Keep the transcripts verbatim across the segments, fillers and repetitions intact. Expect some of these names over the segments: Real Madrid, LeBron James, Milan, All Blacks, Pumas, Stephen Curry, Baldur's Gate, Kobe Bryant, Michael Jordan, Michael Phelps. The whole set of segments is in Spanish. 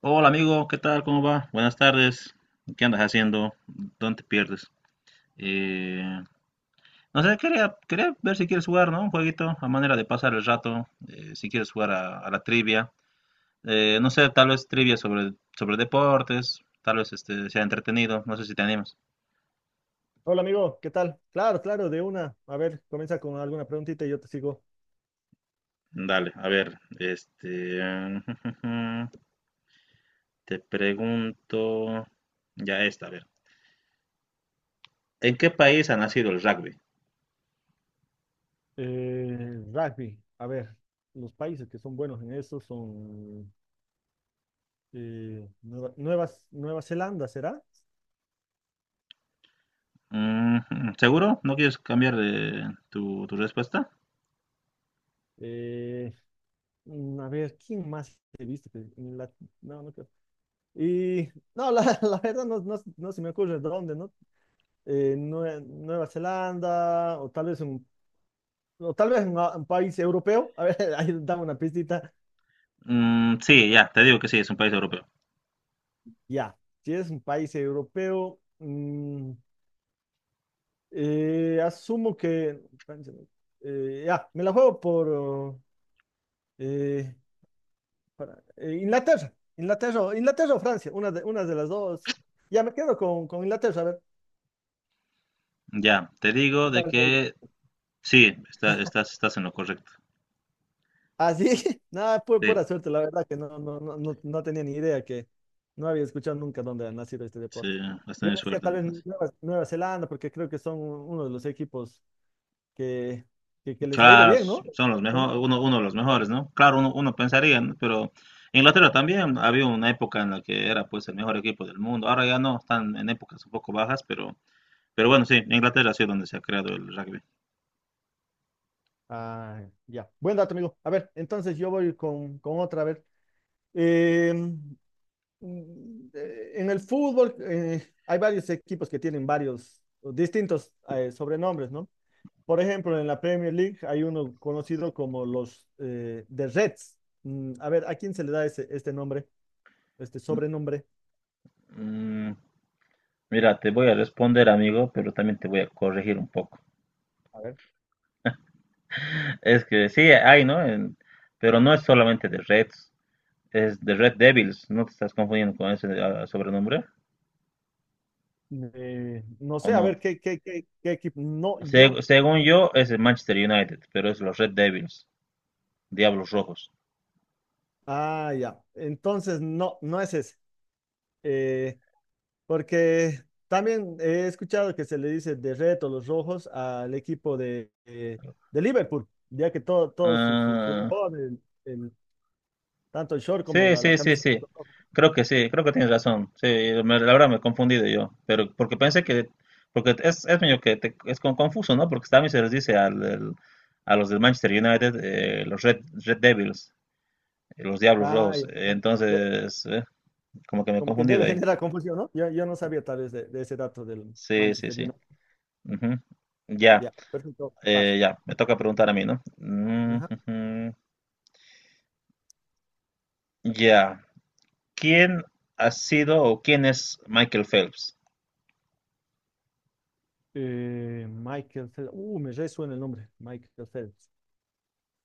Hola amigo, ¿qué tal? ¿Cómo va? Buenas tardes. ¿Qué andas haciendo? ¿Dónde te pierdes? Eh, no sé, quería, quería ver si quieres jugar, ¿no? Un jueguito a manera de pasar el rato, eh, si quieres jugar a, a la trivia. Eh, no sé, tal vez trivia sobre, sobre deportes, tal vez este, sea entretenido, no sé si te animas. Hola amigo, ¿qué tal? Claro, claro, de una. A ver, comienza con alguna preguntita y yo te sigo. Dale, a ver, este, te pregunto ya esta, a ver. ¿En qué país ha nacido el rugby? Eh, rugby, a ver, los países que son buenos en eso son eh, Nueva, Nuevas- Nueva Zelanda, ¿será? Ujú. ¿Seguro? ¿No quieres cambiar eh, tu, tu respuesta? Eh, mm, a ver, ¿quién más he visto? Que- la- no, no creo. Y no, la, la verdad no, no, no se me ocurre dónde, ¿no? Eh, Nue- Nueva Zelanda o tal vez un, o tal vez un, un país europeo. A ver, ahí dame una pistita. Mm, sí, ya, te digo que sí, es un país europeo. Ya, si es un país europeo, mm, eh, asumo que... Francia, no. Eh, ya, me la juego por oh, eh, para- eh, Inglaterra, Inglaterra, o- Inglaterra o Francia, una de, una de las dos. Ya me quedo con, con Inglaterra, a ver. Ya, te digo ¿Qué de tal me ha ido? que sí, está- estás, estás en lo correcto. Ah, sí, nada, pu- Sí, pura suerte, la verdad que no, no, no, no, no tenía ni idea que no había escuchado nunca dónde ha nacido este deporte. sí, has Yo tenido decía suerte tal vez entonces. Nueva, Nueva Zelanda, porque creo que son uno de los equipos que, que, que les ha ido Claro, bien, s- ¿no? son los mejores, uno, uno de los mejores, ¿no? Claro, uno, uno pensaría, ¿no? Pero Inglaterra también había una época en la que era pues el mejor equipo del mundo. Ahora ya no, están en épocas un poco bajas, pero, pero bueno, sí, Inglaterra ha sido donde se ha creado el rugby. Ah, ya. Buen dato, amigo. A ver, entonces yo voy con, con otra. A ver, Em, mm, eh, en el fútbol eh, hay varios equipos que tienen varios o distintos eh, sobrenombres, ¿no? Por ejemplo, en la Premier League hay uno conocido como los eh, The Reds. Mm, a ver, ¿a quién se le da ese, este nombre, este sobrenombre? Mm, mira, te voy a responder, amigo, pero también te voy a corregir un poco. A ver. Es que sí, hay, ¿no? En, pero no es solamente de Reds, es de Red Devils. ¿No te estás confundiendo con ese ah, sobrenombre? Eh, no ¿O sé, a no? ver, ¿qué, qué, qué, qué equipo? No, yo. Se- según yo, es el Manchester United, pero es los Red Devils, Diablos Rojos. Ah, ya. Entonces, no, no es ese. Eh, Porque también he escuchado que se le dice de reto los rojos al equipo de, eh, de Liverpool, ya que todo, todos sus, sus Ah, uniformes, el- el- tanto el short como sí, la, la sí, sí, camiseta sí. son rojos. Creo que sí, creo que tienes razón. Sí, me- la verdad me he confundido yo, pero porque pensé que, porque es, es medio que te- es como confuso, ¿no? Porque también se les dice al, del- a los del Manchester United, eh, los Red, Red Devils, eh, los Diablos Ah, Rojos. ya, ya. De- Entonces, eh, como que me he Como que confundido debe ahí. generar confusión, ¿no? Yo, yo no sabía tal vez de, de ese dato del Sí, sí, Manchester sí. United. Ujú. Ya, Ya, perfecto. Vas. eh, ya, me toca preguntar a mí, ¿no? Mm, Ajá. ujú. Ya, ¿quién ha sido o quién es Michael Phelps? Eh, Michael Phelps. Uh, me resuena el nombre. Michael Phelps.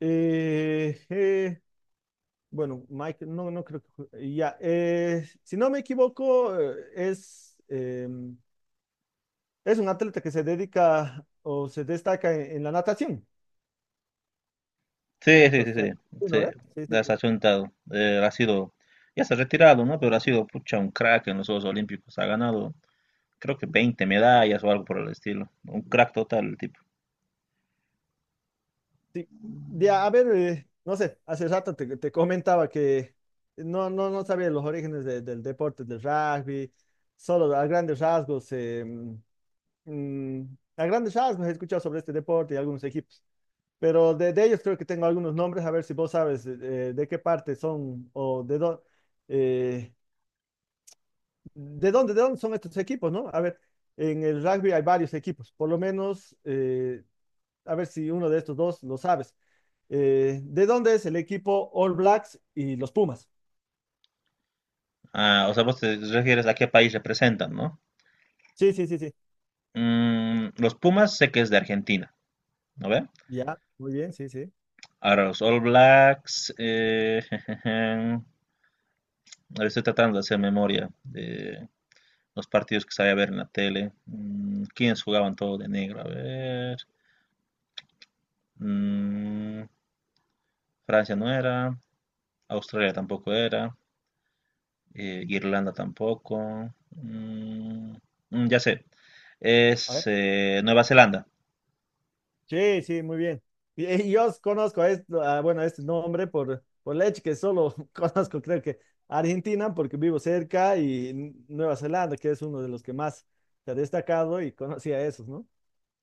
Eh, eh, Bueno, Mike, no, no creo que... Ya, eh, si no me equivoco, eh, es, eh, es un atleta que se dedica o se destaca en, en la natación, Sí, sí, Michael sí, sí, Phelps. Sí, sí, ¿no ve? Sí, sí, sí. desachuntado. Eh, ha sido, ya se ha retirado, ¿no? Pero ha sido, pucha, un crack en los Juegos Olímpicos. Ha ganado, creo que veinte medallas o algo por el estilo. Un crack total el tipo. Sí. De, a ver, eh, no sé, hace rato te, te comentaba que no, no, no sabía los orígenes de- del deporte, del rugby, solo a grandes rasgos, eh, mm, a grandes rasgos he escuchado sobre este deporte y algunos equipos. Pero de, de ellos creo que tengo algunos nombres, a ver si vos sabes eh, de qué parte son o de, dó- eh, de dónde, de dónde son estos equipos, ¿no? A ver, en el rugby hay varios equipos, por lo menos, eh, a ver si uno de estos dos lo sabes. Eh, ¿de dónde es el equipo All Blacks y los Pumas? Ah, o sea, vos te refieres a qué país representan, ¿no? Sí, sí, sí, sí. Mm, los Pumas sé que es de Argentina, ¿no ve? Ya, muy bien, sí, sí. Ahora los All Blacks, eh, ahora estoy tratando de hacer memoria de los partidos que sabía ver en la tele. Mm, ¿quiénes jugaban todo de negro? A ver. Mm, Francia no era, Australia tampoco era, eh, Irlanda tampoco. mm, mm, ya sé, es eh, Nueva Zelanda. Sí, sí, muy bien. Y, y yo os conozco a este, a, bueno, a este nombre por, por leche, que solo conozco, creo que Argentina, porque vivo cerca, y N- Nueva Zelanda, que es uno de los que más se ha destacado y conocía a esos, ¿no?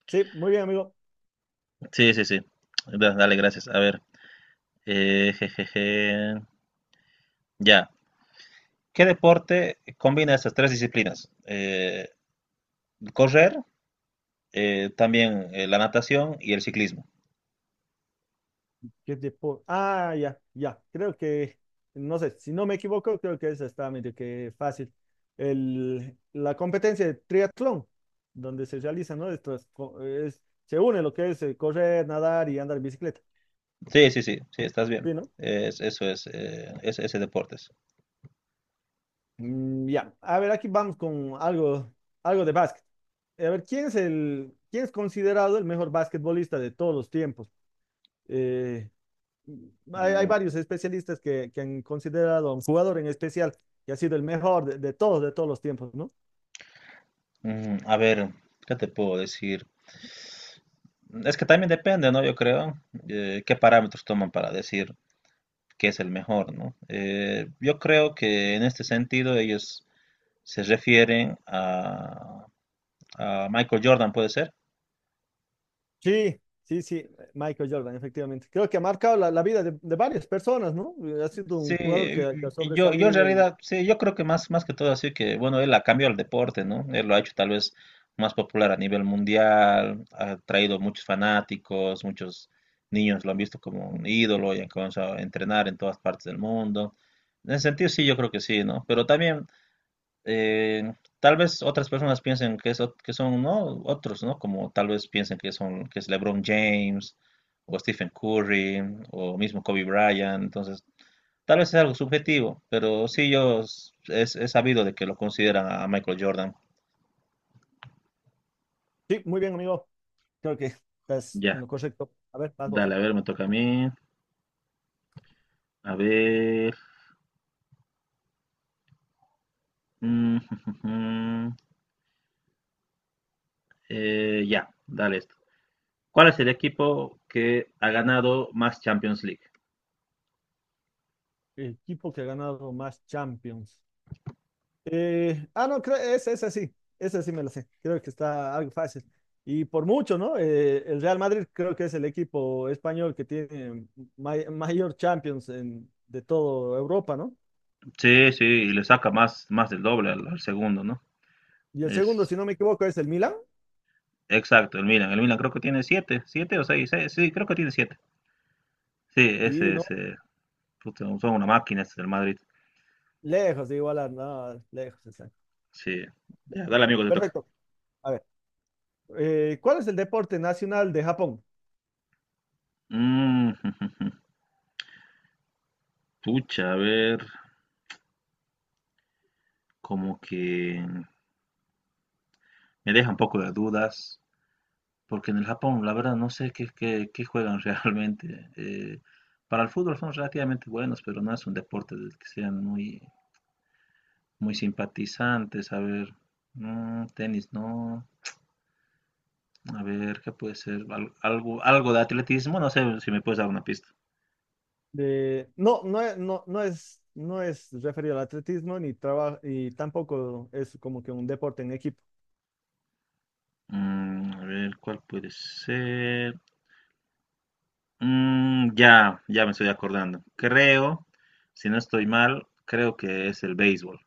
Sí, muy bien, amigo. Sí, sí, sí. Da- Dale, gracias. A ver, eh, jejeje, ya. ¿Qué deporte combina estas tres disciplinas? Eh, correr, eh, también eh, la natación y el ciclismo. ¿Qué tipo. Ah, ya, ya. Creo que, no sé, si no me equivoco, creo que esa está medio que fácil. El, la competencia de triatlón, donde se realiza, ¿no? Esto es, co- es- se une lo que es eh, correr, nadar y andar en bicicleta. Sí, sí, sí, sí, estás bien. ¿Sí, no? Es- eso es, eh, ese, ese deporte es. Mm, ya, a ver, aquí vamos con algo, algo de básquet. A ver, ¿quién es el, quién es considerado el mejor basquetbolista de todos los tiempos? Eh, mm, hay, hay Mm, varios especialistas que, que han considerado a un jugador en especial que ha sido el mejor de, de todos, de todos los tiempos, ¿no? mm, a ver, ¿qué te puedo decir? Es que también depende, ¿no? Yo creo eh, qué parámetros toman para decir qué es el mejor, ¿no? Eh, yo creo que en este sentido ellos se refieren a, a Michael Jordan, puede ser. Sí, sí, sí, Michael Jordan, efectivamente. Creo que ha marcado la, la vida de, de varias personas, ¿no? Eh, ha sido Sí, un jugador que, que ha yo, yo en sobresalido y... realidad, sí, yo creo que más, más que todo así que, bueno, él ha cambiado el deporte, ¿no? Él lo ha hecho tal vez más popular a nivel mundial, ha traído muchos fanáticos, muchos niños lo han visto como un ídolo y han comenzado a entrenar en todas partes del mundo. En ese sentido, sí, yo creo que sí, ¿no? Pero también, eh, tal vez otras personas piensen que, es, ot- que son, ¿no? Otros, ¿no? Como tal vez piensen que son, que es LeBron James o Stephen Curry o mismo Kobe Bryant, entonces... Tal vez es algo subjetivo, pero sí yo s- es, he sabido de que lo consideran a Michael Jordan. Sí, muy bien, amigo. Creo que estás en Ya, lo correcto. A ver, vas vos. dale, a ver, me toca a mí. A ver. Mm, eh, ya, dale esto. ¿Cuál es el equipo que ha ganado más Champions League? Equipo que ha ganado más Champions. Eh, ah, no, creo, esa, esa sí, esa sí me la sé. Creo que está algo fácil. Y por mucho, ¿no? Eh, el Real Madrid creo que es el equipo español que tiene may- mayor Champions en- de toda Europa, ¿no? Sí, sí, y le saca más, más del doble al, al segundo, ¿no? Y el segundo, Es si no me equivoco, es el Milan. exacto, el Milan. El Milan creo que tiene siete, siete o seis, seis, sí, creo que tiene siete. Sí, Sí, ese, ¿no? ese, puta, son una máquina, este del Madrid. Lejos de igualar, no, lejos. Está. Sí, ya, dale, amigo, te toca. Perfecto. A ver, eh, ¿cuál es el deporte nacional de Japón? Mm, pucha, a ver, como que me deja un poco de dudas, porque en el Japón, la verdad, no sé qué, qué, qué juegan realmente. Eh, para el fútbol son relativamente buenos, pero no es un deporte del que sean muy, muy simpatizantes. A ver, mm, tenis, no. A ver, ¿qué puede ser? Al- algo, algo de atletismo, no sé si me puedes dar una pista. De, no, no, e- no, no es, no es referido al atletismo ni traba- y tampoco es como que un deporte en equipo. Mm, a ver, ¿cuál puede ser? Mm, ya, ya me estoy acordando. Creo, si no estoy mal, creo que es el béisbol.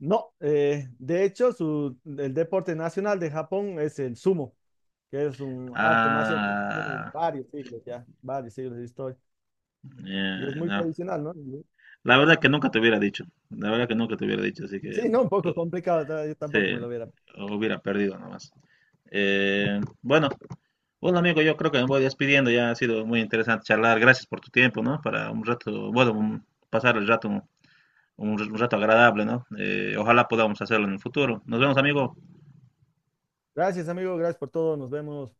No, eh, de hecho, su, el deporte nacional de Japón es el sumo, que es un arte marcial que tiene Ah, varios siglos ya, varios siglos de historia. Y es eh, muy no. tradicional, ¿no? Y- La verdad que nunca te hubiera dicho. La verdad que nunca te hubiera dicho, así que Sí, no, un poco yo, complicado, ta- yo sí, tampoco me lo hubiera. hubiera perdido nomás. Eh, bueno, bueno amigo, yo creo que me voy despidiendo. Ya ha sido muy interesante charlar. Gracias por tu tiempo, ¿no? Para un rato, bueno, un- pasar el rato, un, un rato agradable, ¿no? Eh, ojalá podamos hacerlo en el futuro. Nos vemos, amigo. Gracias, amigo, gracias por todo, nos vemos.